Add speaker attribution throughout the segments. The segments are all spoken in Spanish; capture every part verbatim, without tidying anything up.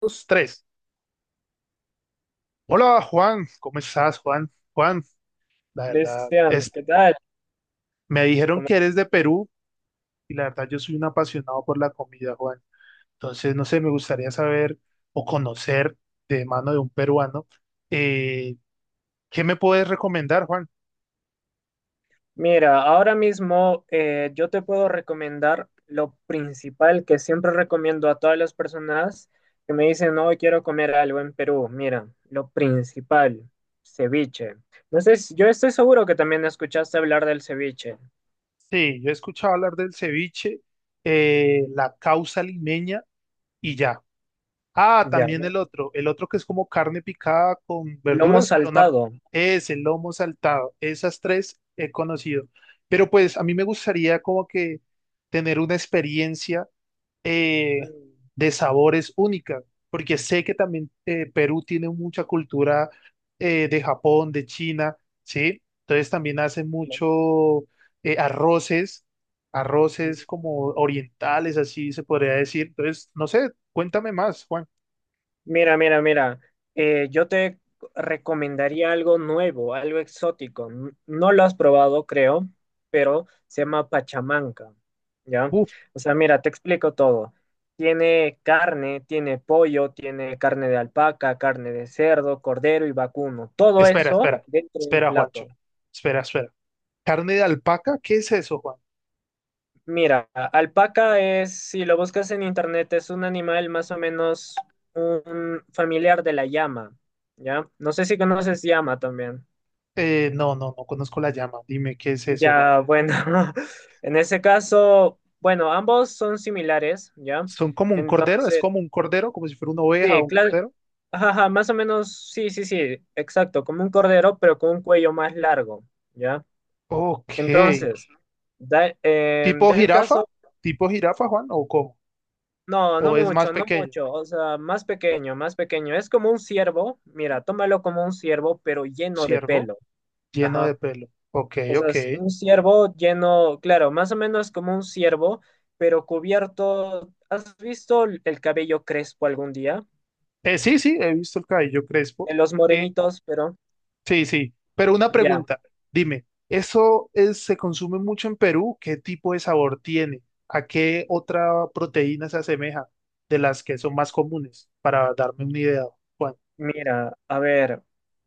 Speaker 1: Dos, tres. Hola, Juan. ¿Cómo estás, Juan? Juan, la verdad,
Speaker 2: Cristian,
Speaker 1: es,
Speaker 2: ¿qué tal?
Speaker 1: me dijeron
Speaker 2: ¿Cómo-
Speaker 1: que eres de Perú y la verdad yo soy un apasionado por la comida, Juan. Entonces, no sé, me gustaría saber o conocer de mano de un peruano, eh, ¿qué me puedes recomendar, Juan?
Speaker 2: Mira, ahora mismo eh, yo te puedo recomendar lo principal que siempre recomiendo a todas las personas que me dicen, no, quiero comer algo en Perú. Mira, lo principal, ceviche. No sé, si- yo estoy seguro que también escuchaste hablar del ceviche.
Speaker 1: Sí, yo he escuchado hablar del ceviche, eh, la causa limeña y ya. Ah,
Speaker 2: Ya,
Speaker 1: también el otro, el otro que es como carne picada con
Speaker 2: lomo
Speaker 1: verduras, pero no,
Speaker 2: saltado.
Speaker 1: es el lomo saltado, esas tres he conocido. Pero pues a mí me gustaría como que tener una experiencia eh, de sabores única, porque sé que también eh, Perú tiene mucha cultura eh, de Japón, de China, ¿sí? Entonces también hacen mucho eh, arroces,
Speaker 2: Mm.
Speaker 1: arroces como orientales, así se podría decir. Entonces, no sé, cuéntame más, Juan.
Speaker 2: Mira, mira, mira, eh, yo te recomendaría algo nuevo, algo exótico. N- No lo has probado, creo, pero se llama pachamanca, ¿ya?
Speaker 1: Uf,
Speaker 2: O sea, mira, te explico todo. Tiene carne, tiene pollo, tiene carne de alpaca, carne de cerdo, cordero y vacuno. Todo
Speaker 1: espera,
Speaker 2: eso
Speaker 1: espera,
Speaker 2: dentro de un
Speaker 1: espera, Juancho.
Speaker 2: plato.
Speaker 1: Espera, espera. ¿Carne de alpaca? ¿Qué es eso, Juan?
Speaker 2: Mira, a- alpaca es, si lo buscas en internet, es un animal más o menos un familiar de la llama, ¿ya? No sé si conoces llama también.
Speaker 1: Eh, no, no, no conozco la llama. Dime, ¿qué es eso, Juan?
Speaker 2: Ya, bueno, en ese caso, bueno, ambos son similares, ¿ya?
Speaker 1: ¿Son como un cordero? ¿Es
Speaker 2: Entonces,
Speaker 1: como un cordero? ¿Como si fuera una oveja o
Speaker 2: sí,
Speaker 1: un
Speaker 2: claro,
Speaker 1: cordero?
Speaker 2: ajá, más o menos, sí, sí, sí, exacto, como un cordero, pero con un cuello más largo, ¿ya?
Speaker 1: Ok.
Speaker 2: Entonces, da, eh,
Speaker 1: ¿Tipo
Speaker 2: del
Speaker 1: jirafa?
Speaker 2: caso,
Speaker 1: ¿Tipo jirafa, Juan? ¿O cómo?
Speaker 2: no, no
Speaker 1: ¿O es más
Speaker 2: mucho, no
Speaker 1: pequeño?
Speaker 2: mucho, o sea, más pequeño, más pequeño, es como un ciervo, mira, tómalo como un ciervo, pero lleno de
Speaker 1: Ciervo,
Speaker 2: pelo,
Speaker 1: lleno de
Speaker 2: ajá.
Speaker 1: pelo. Ok,
Speaker 2: O sea,
Speaker 1: ok.
Speaker 2: es un ciervo lleno, claro, más o menos como un ciervo, pero cubierto. ¿Has visto el cabello crespo algún día?
Speaker 1: Eh, sí, sí, he visto el cabello
Speaker 2: De
Speaker 1: crespo.
Speaker 2: los
Speaker 1: Eh,
Speaker 2: morenitos, pero
Speaker 1: Sí, sí, pero una
Speaker 2: ya.
Speaker 1: pregunta, dime, ¿eso es- se consume mucho en Perú? ¿Qué tipo de sabor tiene? ¿A qué otra proteína se asemeja de las que son más comunes? Para darme una idea, Juan,
Speaker 2: Mira, a ver,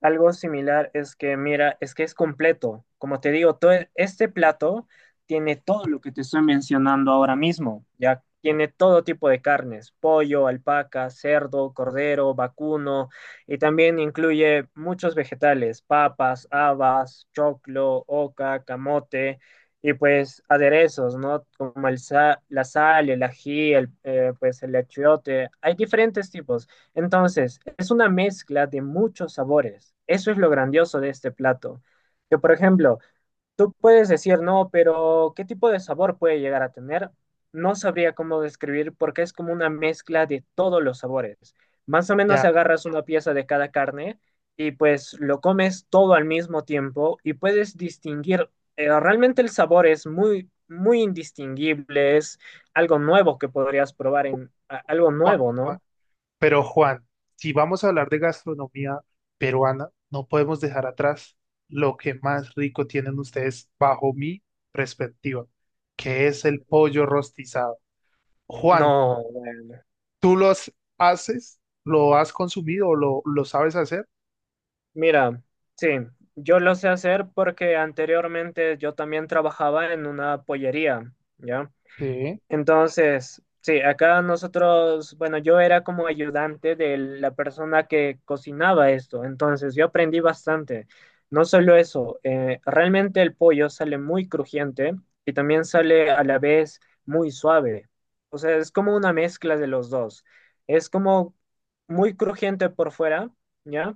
Speaker 2: algo similar es que, mira, es que es completo. Como te digo, todo e- este plato tiene todo lo que te estoy mencionando ahora mismo. Ya tiene todo tipo de carnes, pollo, alpaca, cerdo, cordero, vacuno, y también incluye muchos vegetales, papas, habas, choclo, oca, camote, y pues aderezos, ¿no? Como el sa- la sal, el ají, el, eh, pues el achiote. Hay diferentes tipos. Entonces, es una mezcla de muchos sabores. Eso es lo grandioso de este plato. Que, por ejemplo, tú puedes decir, no, pero ¿qué tipo de sabor puede llegar a tener? No sabría cómo describir porque es como una mezcla de todos los sabores. Más o menos
Speaker 1: ya,
Speaker 2: agarras una pieza de cada carne y pues lo comes todo al mismo tiempo y puedes distinguir, eh, realmente el sabor es muy, muy indistinguible, es algo nuevo que podrías probar en a- algo
Speaker 1: Juan,
Speaker 2: nuevo, ¿no?
Speaker 1: Juan. Pero Juan, si vamos a hablar de gastronomía peruana, no podemos dejar atrás lo que más rico tienen ustedes bajo mi perspectiva, que es el pollo rostizado. Juan,
Speaker 2: No, bueno.
Speaker 1: ¿tú los haces? ¿Lo has consumido o lo, lo sabes hacer?
Speaker 2: Mira, sí, yo lo sé hacer porque anteriormente yo también trabajaba en una pollería, ¿ya?
Speaker 1: Sí.
Speaker 2: Entonces, sí, acá nosotros, bueno, yo era como ayudante de la persona que cocinaba esto, entonces yo aprendí bastante. No solo eso, eh, realmente el pollo sale muy crujiente y también sale a la vez muy suave. O sea, es como una mezcla de los dos. Es como muy crujiente por fuera, ¿ya?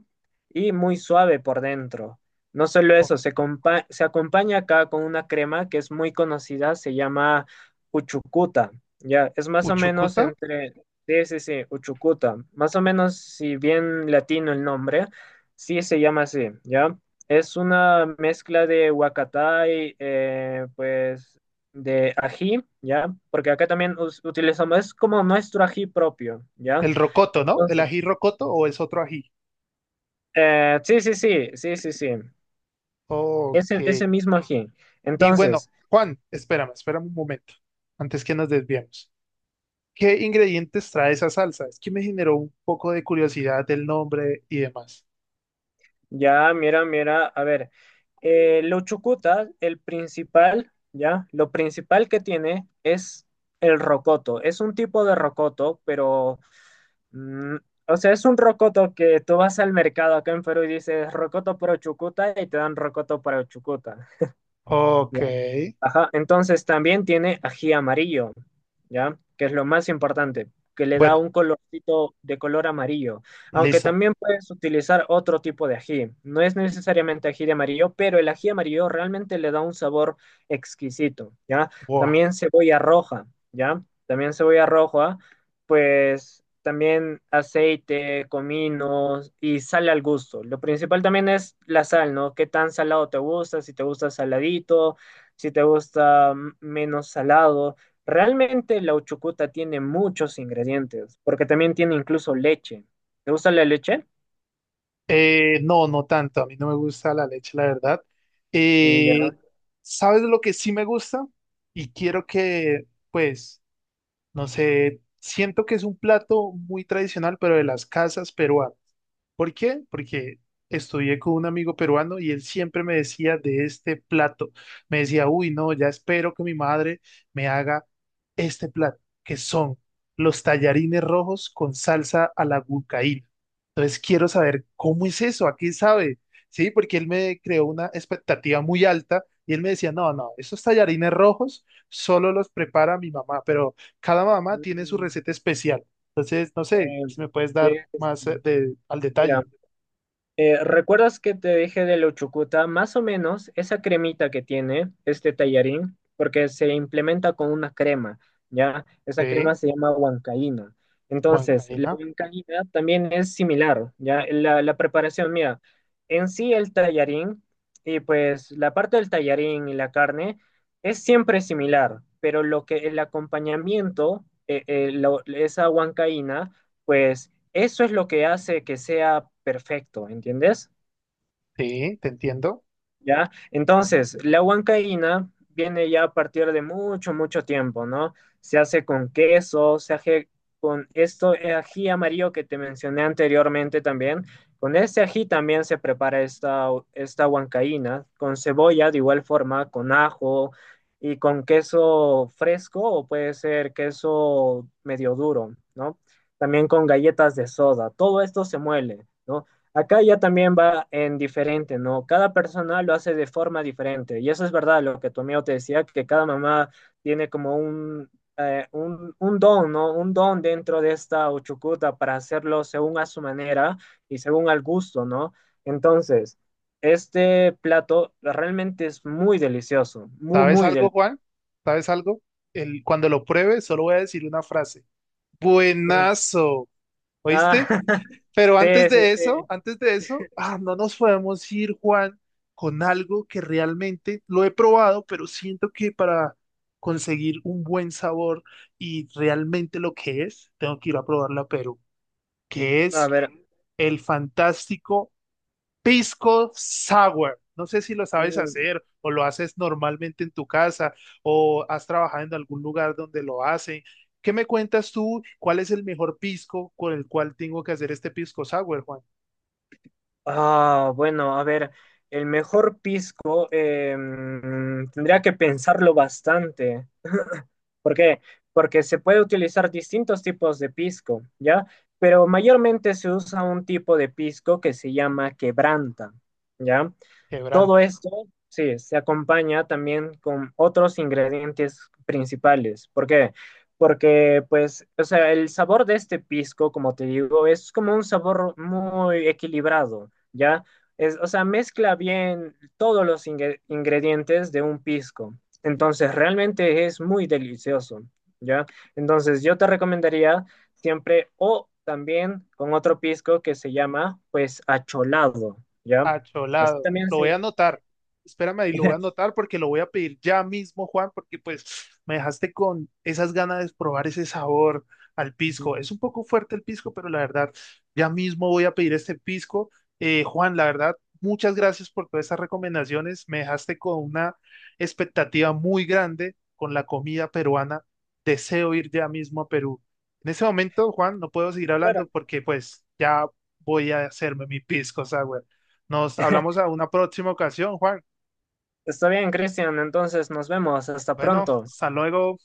Speaker 2: Y muy suave por dentro. No solo
Speaker 1: O-
Speaker 2: eso, se, compa- se acompaña acá con una crema que es muy conocida, se llama Uchucuta, ya, es más o menos
Speaker 1: Uchucuta,
Speaker 2: entre, sí, sí, sí, Uchucuta, más o menos, si bien latino el nombre, sí se llama así, ya, es una mezcla de huacatay, eh, pues, de ají, ya, porque acá también us- utilizamos, es como nuestro ají propio, ya,
Speaker 1: el rocoto, ¿no? ¿El
Speaker 2: entonces,
Speaker 1: ají rocoto o es otro ají?
Speaker 2: eh, sí, sí, sí, sí, sí, sí,
Speaker 1: Ok.
Speaker 2: ese, ese mismo ají,
Speaker 1: Y bueno,
Speaker 2: entonces,
Speaker 1: Juan, espérame, espérame un momento, antes que nos desviemos. ¿Qué ingredientes trae esa salsa? Es que me generó un poco de curiosidad el nombre y demás.
Speaker 2: Ya, mira, mira, a ver, eh, los chucutas, el principal, ya, lo principal que tiene es el rocoto. Es un tipo de rocoto, pero, mm, o sea, es un rocoto que tú vas al mercado acá en Perú y dices rocoto para chucuta y te dan rocoto para chucuta.
Speaker 1: Ok.
Speaker 2: Ajá, entonces también tiene ají amarillo, ¿ya? Que es lo más importante, que le da
Speaker 1: Bueno,
Speaker 2: un colorcito de color amarillo. Aunque
Speaker 1: listo.
Speaker 2: también puedes utilizar otro tipo de ají. No es necesariamente ají de amarillo, pero el ají amarillo realmente le da un sabor exquisito, ¿ya?
Speaker 1: Wow.
Speaker 2: También cebolla roja, ¿ya? También cebolla roja, pues también aceite, comino y sal al gusto. Lo principal también es la sal, ¿no? ¿Qué tan salado te gusta? Si te gusta saladito si te gusta mm, menos salado. Realmente la uchucuta tiene muchos ingredientes, porque también tiene incluso leche. ¿Te gusta la leche?
Speaker 1: Eh, no, no tanto. A mí no me gusta la leche, la verdad.
Speaker 2: Ya.
Speaker 1: Eh, ¿sabes lo que sí me gusta? Y quiero que, pues, no sé, siento que es un plato muy tradicional, pero de las casas peruanas. ¿Por qué? Porque estudié con un amigo peruano y él siempre me decía de este plato. Me decía, uy, no, ya espero que mi madre me haga este plato, que son los tallarines rojos con salsa a la huancaína. Entonces quiero saber cómo es eso, a qué sabe, ¿sí? Porque él me creó una expectativa muy alta y él me decía, no, no, esos tallarines rojos solo los prepara mi mamá, pero cada mamá tiene su
Speaker 2: Mm,
Speaker 1: receta especial. Entonces, no sé
Speaker 2: eh,
Speaker 1: si me puedes dar
Speaker 2: eh,
Speaker 1: más eh, de, al
Speaker 2: Mira,
Speaker 1: detalle.
Speaker 2: Eh, ¿recuerdas que te dije de la uchucuta? Más o menos esa cremita que tiene este tallarín, porque se implementa con una crema, ¿ya? Esa crema
Speaker 1: Sí,
Speaker 2: se llama huancaína. Entonces, la
Speaker 1: Juancaína.
Speaker 2: huancaína también es similar, ¿ya? La, la preparación, mira, en sí el tallarín y pues la parte del tallarín y la carne es siempre similar, pero lo que el acompañamiento, eh, eh, lo- esa huancaína, pues eso es lo que hace que sea perfecto, ¿entiendes?
Speaker 1: Sí, te entiendo.
Speaker 2: ¿Ya? Entonces, la huancaína viene ya a partir de mucho, mucho tiempo, ¿no? Se hace con queso, se hace con esto, eh, ají amarillo que te mencioné anteriormente también. Con este ají también se prepara esta, esta huancaína, con cebolla de igual forma, con ajo y con queso fresco o puede ser queso medio duro, ¿no? También con galletas de soda. Todo esto se muele. ¿No? Acá ya también va en diferente, ¿no? Cada persona lo hace de forma diferente. Y eso es verdad, lo que tu amigo te decía, que cada mamá tiene como un, eh, un, un don, ¿no? Un don dentro de esta uchucuta para hacerlo según a su manera y según al gusto, ¿no? Entonces, este plato realmente es muy delicioso, muy,
Speaker 1: ¿Sabes
Speaker 2: muy
Speaker 1: algo,
Speaker 2: delicioso.
Speaker 1: Juan? ¿Sabes algo? El, cuando lo pruebe, solo voy a decir una frase. Buenazo,
Speaker 2: Ah,
Speaker 1: ¿oíste? Pero
Speaker 2: sí,
Speaker 1: antes
Speaker 2: sí,
Speaker 1: de eso,
Speaker 2: sí.
Speaker 1: antes de eso, ah, no nos podemos ir, Juan, con algo que realmente lo he probado, pero siento que para conseguir un buen sabor y realmente lo que es, tengo que ir a probarla a Perú. Que
Speaker 2: A
Speaker 1: es
Speaker 2: ver.
Speaker 1: el fantástico pisco sour. No sé si lo sabes
Speaker 2: mm,
Speaker 1: hacer o lo haces normalmente en tu casa o has trabajado en algún lugar donde lo hacen. ¿Qué me cuentas tú? ¿Cuál es el mejor pisco con el cual tengo que hacer este pisco sour, Juan?
Speaker 2: Ah, bueno, a ver, el mejor pisco em, tendría que pensarlo bastante. ¿Por qué? Porque se puede utilizar distintos tipos de pisco, ¿ya? Pero mayormente se usa un tipo de pisco que se llama quebranta, ¿ya?
Speaker 1: Quebrante.
Speaker 2: Todo esto, sí, se acompaña también con otros ingredientes principales. ¿Por qué? Porque, pues, o sea, el sabor de este pisco, como te digo, es como un sabor muy equilibrado, ¿ya? Es, o sea, mezcla bien todos los ingre- ingredientes de un pisco. Entonces, realmente es muy delicioso, ¿ya? Entonces, yo te recomendaría siempre o también con otro pisco que se llama, pues, acholado, ¿ya? Así
Speaker 1: Acholado.
Speaker 2: también
Speaker 1: Lo
Speaker 2: se,
Speaker 1: voy a anotar. Espérame ahí, lo voy a anotar porque lo voy a pedir ya mismo, Juan, porque pues me dejaste con esas ganas de probar ese sabor al pisco. Es un poco fuerte el pisco, pero la verdad, ya mismo voy a pedir este pisco. Eh, Juan, la verdad, muchas gracias por todas esas recomendaciones. Me dejaste con una expectativa muy grande con la comida peruana. Deseo ir ya mismo a Perú. En ese momento, Juan, no puedo seguir
Speaker 2: Claro.
Speaker 1: hablando porque pues ya voy a hacerme mi pisco sour. Nos hablamos a una próxima ocasión, Juan.
Speaker 2: Está bien, Cristian. Entonces nos vemos. Hasta
Speaker 1: Bueno,
Speaker 2: pronto.
Speaker 1: hasta luego.